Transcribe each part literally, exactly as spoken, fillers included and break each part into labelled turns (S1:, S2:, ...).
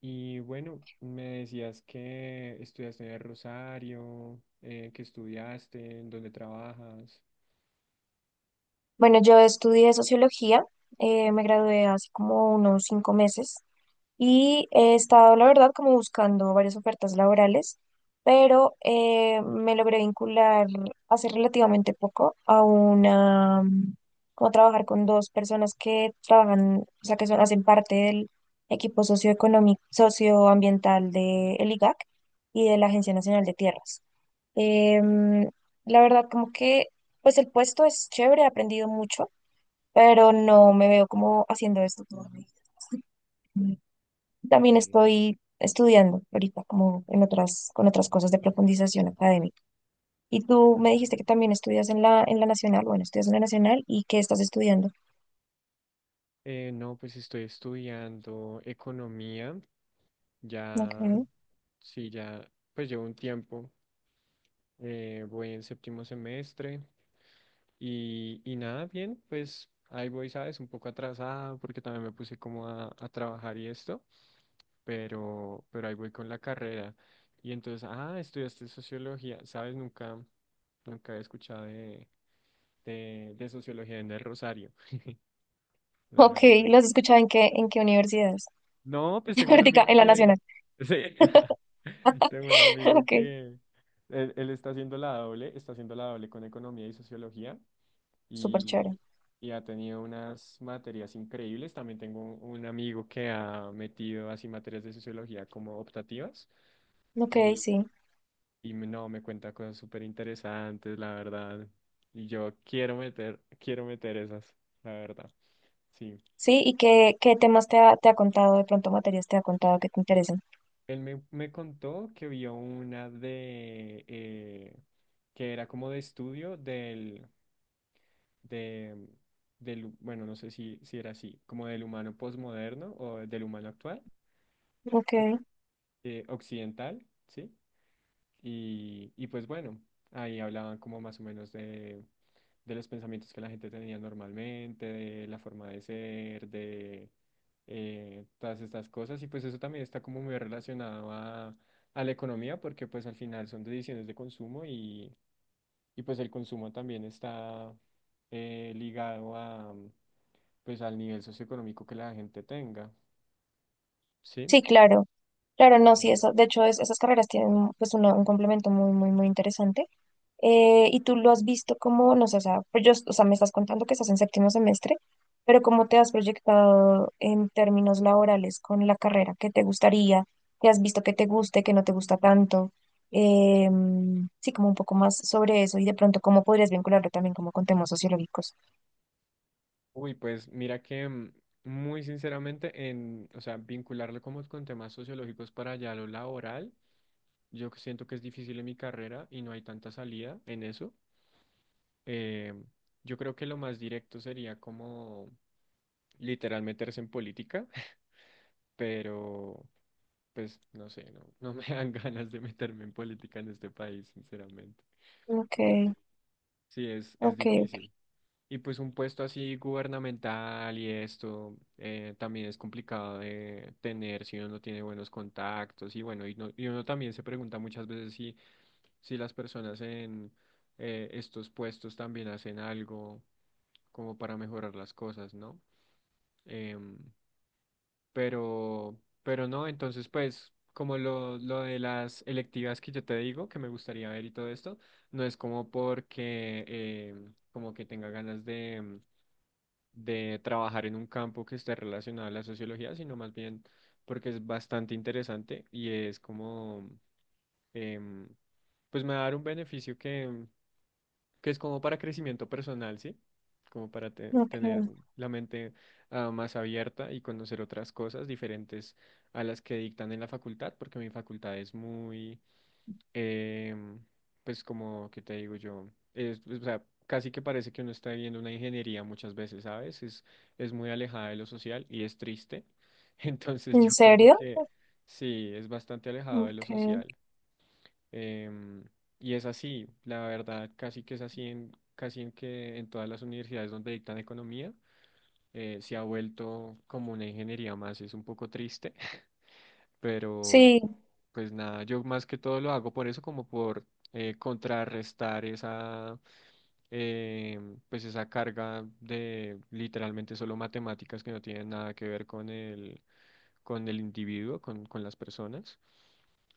S1: Y bueno, me decías que estudiaste en el Rosario, eh, que estudiaste, en dónde trabajas.
S2: Bueno, yo estudié sociología, eh, me gradué hace como unos cinco meses y he estado, la verdad, como buscando varias ofertas laborales, pero eh, me logré vincular hace relativamente poco a una, mm, como trabajar con dos personas que trabajan, o sea, que son, hacen parte del equipo socioeconómico, socioambiental del I G A C y de la Agencia Nacional de Tierras. Em, la verdad, como que, pues el puesto es chévere, he aprendido mucho, pero no me veo como haciendo esto toda mi vida. También
S1: Ok.
S2: estoy estudiando ahorita, como en otras, con otras cosas de profundización académica. Y tú me dijiste que también estudias en la, en la Nacional, bueno, estudias en la Nacional y que estás estudiando.
S1: Eh, no, pues estoy estudiando economía,
S2: Ok,
S1: ya, sí, ya, pues llevo un tiempo, eh, voy en séptimo semestre y, y nada, bien, pues ahí voy, ¿sabes? Un poco atrasada porque también me puse como a, a trabajar y esto, pero, pero ahí voy con la carrera. Y entonces, ah, estudiaste sociología, ¿sabes? Nunca, nunca he escuchado de, de, de sociología en el Rosario, la
S2: ok,
S1: verdad.
S2: ¿lo has escuchado en qué, en qué universidades?
S1: No, pues tengo un
S2: Ahorita,
S1: amigo
S2: en la
S1: que...
S2: Nacional.
S1: Sí. Tengo un amigo
S2: Ok,
S1: que... Él, él está haciendo la doble, está haciendo la doble con economía y sociología.
S2: súper chévere.
S1: Y, y ha tenido unas materias increíbles. También tengo un un amigo que ha metido así materias de sociología como optativas
S2: Ok,
S1: y,
S2: sí.
S1: y me- no, me cuenta cosas súper interesantes, la verdad. Y yo quiero meter, quiero meter esas, la verdad. Sí.
S2: Sí, ¿y qué, qué temas te ha, te ha contado de pronto, materias te ha contado que te interesen?
S1: Él me, me contó que vio una de, eh, que era como de estudio del, de, del, bueno, no sé si, si era así, como del humano posmoderno o del humano actual
S2: Ok,
S1: eh, occidental, ¿sí? Y, y pues bueno, ahí hablaban como más o menos de, de los pensamientos que la gente tenía normalmente, de la forma de ser, de eh, todas estas cosas. Y pues eso también está como muy relacionado a, a la economía, porque pues al final son decisiones de consumo y, y pues el consumo también está eh, ligado a, pues al nivel socioeconómico que la gente tenga, ¿sí?
S2: sí, claro. Claro,
S1: Sí.
S2: no, sí, eso, de hecho, es- esas carreras tienen pues una- un complemento muy, muy, muy interesante. Eh, y tú lo has visto como, no sé, o sea, pues yo, o sea, me estás contando que estás en séptimo semestre, pero ¿cómo te has proyectado en términos laborales con la carrera? ¿Qué te gustaría? ¿Qué has visto que te guste, que no te gusta tanto? Em, sí, como un poco más sobre eso y de pronto cómo podrías vincularlo también como con temas sociológicos.
S1: Uy, pues mira que mm, muy sinceramente en, o sea, vincularlo como con temas sociológicos para allá lo laboral, yo que siento que es difícil en mi carrera y no hay tanta salida en eso. Eh, yo creo que lo más directo sería como literal meterse en política, pero pues no sé, no, no me dan ganas de meterme en política en este país, sinceramente.
S2: Ok,
S1: Sí, sí, es, es
S2: ok, ok,
S1: difícil. Y pues un puesto así gubernamental y esto eh, también es complicado de tener si uno no tiene buenos contactos y bueno, y, no- y uno también se pregunta muchas veces si, si las personas en eh, estos puestos también hacen algo como para mejorar las cosas, ¿no? Em, pero, pero no, entonces pues como lo, lo de las electivas que yo te digo, que me gustaría ver y todo esto, no es como porque em, como que tenga ganas de de trabajar en un campo que esté relacionado a la sociología, sino más bien porque es bastante interesante y es como, em, pues me va a dar un beneficio que, que es como para crecimiento personal, ¿sí? Como para te- tener
S2: ok.
S1: un- la mente ah, más abierta y conocer otras cosas diferentes a las que dictan en la facultad, porque mi facultad es muy em, pues como que te digo yo, es, pues, o sea, casi que parece que uno está viviendo una ingeniería muchas veces, ¿sabes? Es, es muy alejada de lo social y es triste. Entonces
S2: ¿En
S1: yo como
S2: serio?
S1: que sí, es bastante alejado de lo
S2: Ok.
S1: social. Em, y es así, la verdad, casi que es así en, casi en que en todas las universidades donde dictan economía, eh, se ha vuelto como una ingeniería más, es un poco triste, pero...
S2: Sí,
S1: Pues nada, yo más que todo lo hago por eso, como por eh, contrarrestar esa, eh, pues esa carga de literalmente solo matemáticas que no tienen nada que ver con el, con el individuo, con, con las personas.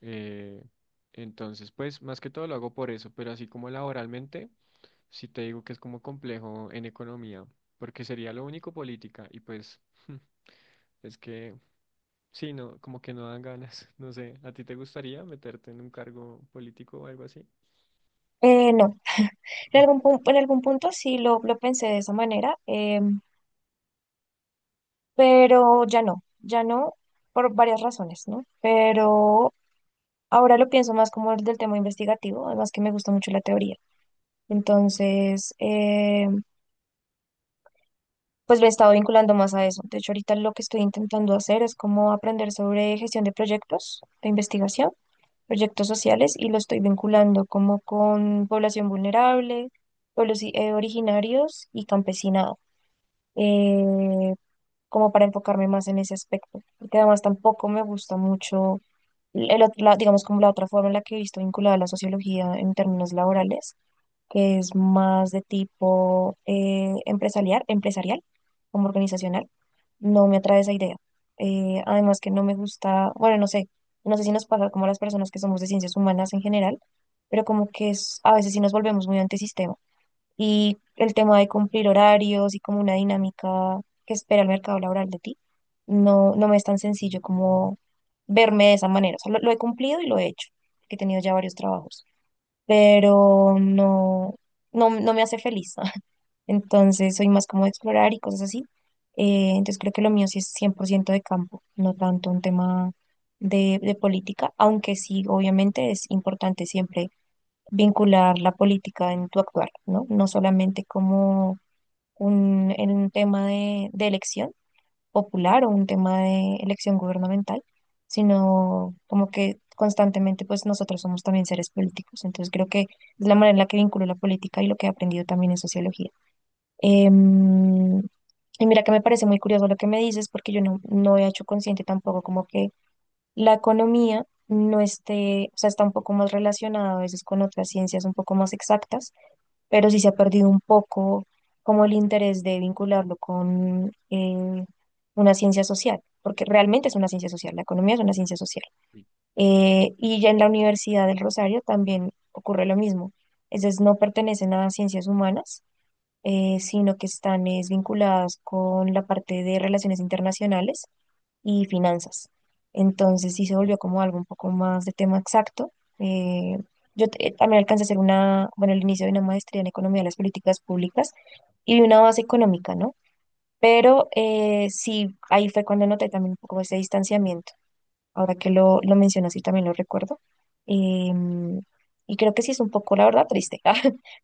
S1: Eh, entonces, pues más que todo lo hago por eso, pero así como laboralmente, sí te digo que es como complejo en economía, porque sería lo único política y pues es que sí, no, como que no dan ganas. No sé, ¿a ti te gustaría meterte en un cargo político o algo así?
S2: Eh, no, en
S1: Mm,
S2: algún, pun- en algún punto sí lo, lo pensé de esa manera, eh, pero ya no, ya no, por varias razones, ¿no? Pero ahora lo pienso más como el del tema investigativo, además que me gusta mucho la teoría. Entonces, eh, pues lo he estado vinculando más a eso. De hecho, ahorita lo que estoy intentando hacer es como aprender sobre gestión de proyectos de investigación, proyectos sociales, y lo estoy vinculando como con población vulnerable, pueblos i- eh, originarios y campesinado. eh, Como para enfocarme más en ese aspecto, porque además tampoco me gusta mucho el otro lado, digamos como la otra forma en la que he visto vinculada a la sociología en términos laborales, que es más de tipo eh, empresarial, empresarial, como organizacional, no me atrae esa idea. Eh, además que no me gusta, bueno, no sé, no sé si nos pasa como a las personas que somos de ciencias humanas en general, pero como que es, a veces sí nos volvemos muy antisistema y el tema de cumplir horarios y como una dinámica que espera el mercado laboral de ti, no, no me es tan sencillo como verme de esa manera. O sea, lo, lo he cumplido y lo he hecho, que he tenido ya varios trabajos, pero no, no, no me hace feliz. Entonces soy más como de explorar y cosas así. Eh, entonces creo que lo mío sí es cien por ciento de campo, no tanto un tema de, de política, aunque sí, obviamente es importante siempre vincular la política en tu actuar, ¿no? No solamente como un, en un tema de, de elección popular o un tema de elección gubernamental, sino como que constantemente pues nosotros somos también seres políticos. Entonces creo que es la manera en la que vinculo la política y lo que he aprendido también en sociología. Em, y mira que me parece muy curioso lo que me dices porque yo no, no he hecho consciente tampoco como que la economía no esté, o sea, está un poco más relacionada a veces con otras ciencias un poco más exactas, pero sí se ha perdido un poco como el interés de vincularlo con eh, una ciencia social, porque realmente es una ciencia social, la economía es una ciencia social.
S1: sí, sí,
S2: Eh, y ya en la Universidad del Rosario también ocurre lo mismo, es decir, no pertenecen a ciencias humanas. Eh, sino que están es, vinculadas con la parte de relaciones internacionales y finanzas. Entonces sí se
S1: sí,
S2: volvió como algo un poco más de tema exacto. Eh, yo te- también alcancé a hacer una, bueno, el inicio de una maestría en economía de las políticas públicas y de una base económica, ¿no? Pero eh, sí, ahí fue cuando noté también un poco ese distanciamiento. Ahora que lo, lo mencionas y también lo recuerdo. Em, y creo que sí es un poco, la verdad, triste, ah,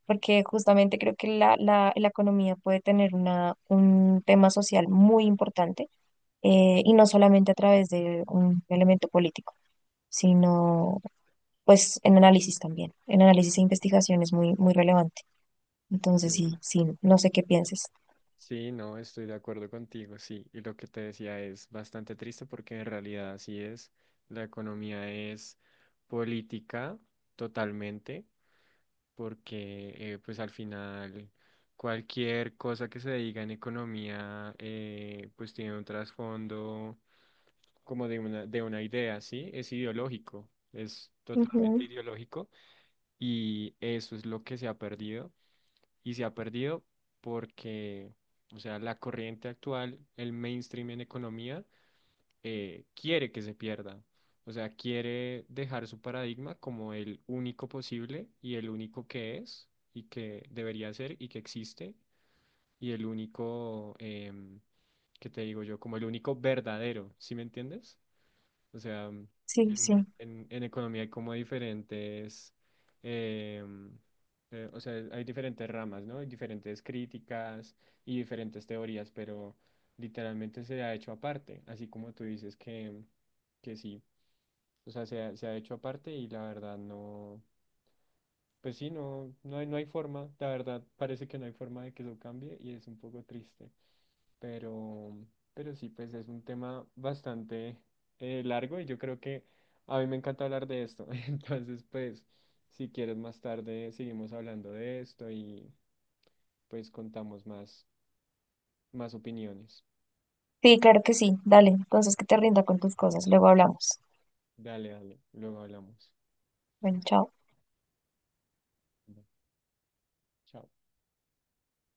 S2: porque justamente creo que la, la, la economía puede tener una, un tema social muy importante eh, y no solamente a través de un elemento político, sino pues en análisis también. En análisis e
S1: sí.
S2: investigación es muy, muy relevante. Entonces,
S1: Sí,
S2: sí, sí, no sé qué pienses.
S1: sí, no, estoy de acuerdo contigo, sí. Y lo que te decía es bastante triste porque en realidad así es. La economía es política totalmente. Porque eh, pues al final cualquier cosa que se diga en economía eh, pues tiene un trasfondo como de una, de una idea, ¿sí? Es ideológico, es totalmente
S2: Ujú,
S1: ideológico y eso es lo que se ha perdido y se ha perdido porque, o sea, la corriente actual, el mainstream en economía, eh, quiere que se pierda. O sea, quiere dejar su paradigma como el único posible y el único que es y que debería ser y que existe y el único, em, que te digo yo? Como el único verdadero, ¿sí me entiendes? O sea, mm,
S2: sí,
S1: en,
S2: sí.
S1: en- en economía hay como diferentes, em, eh, o sea, hay diferentes ramas, ¿no? Hay diferentes críticas y diferentes teorías, pero literalmente se ha hecho aparte, así como tú dices que, mm, que sí. O sea, se ha, se ha hecho aparte y la verdad no, pues sí, no, no hay, no hay forma, la verdad parece que no hay forma de que eso cambie y es un poco triste. Pero, pero sí, pues es un tema bastante eh, largo y yo creo que a mí me encanta hablar de esto. Entonces, pues, si quieres más tarde, seguimos hablando de esto y pues contamos más, más opiniones.
S2: Sí, claro que sí. Dale, entonces que te rinda con tus cosas. Luego hablamos.
S1: Dale, dale, luego hablamos.
S2: Bueno, chao.
S1: Bueno, chao.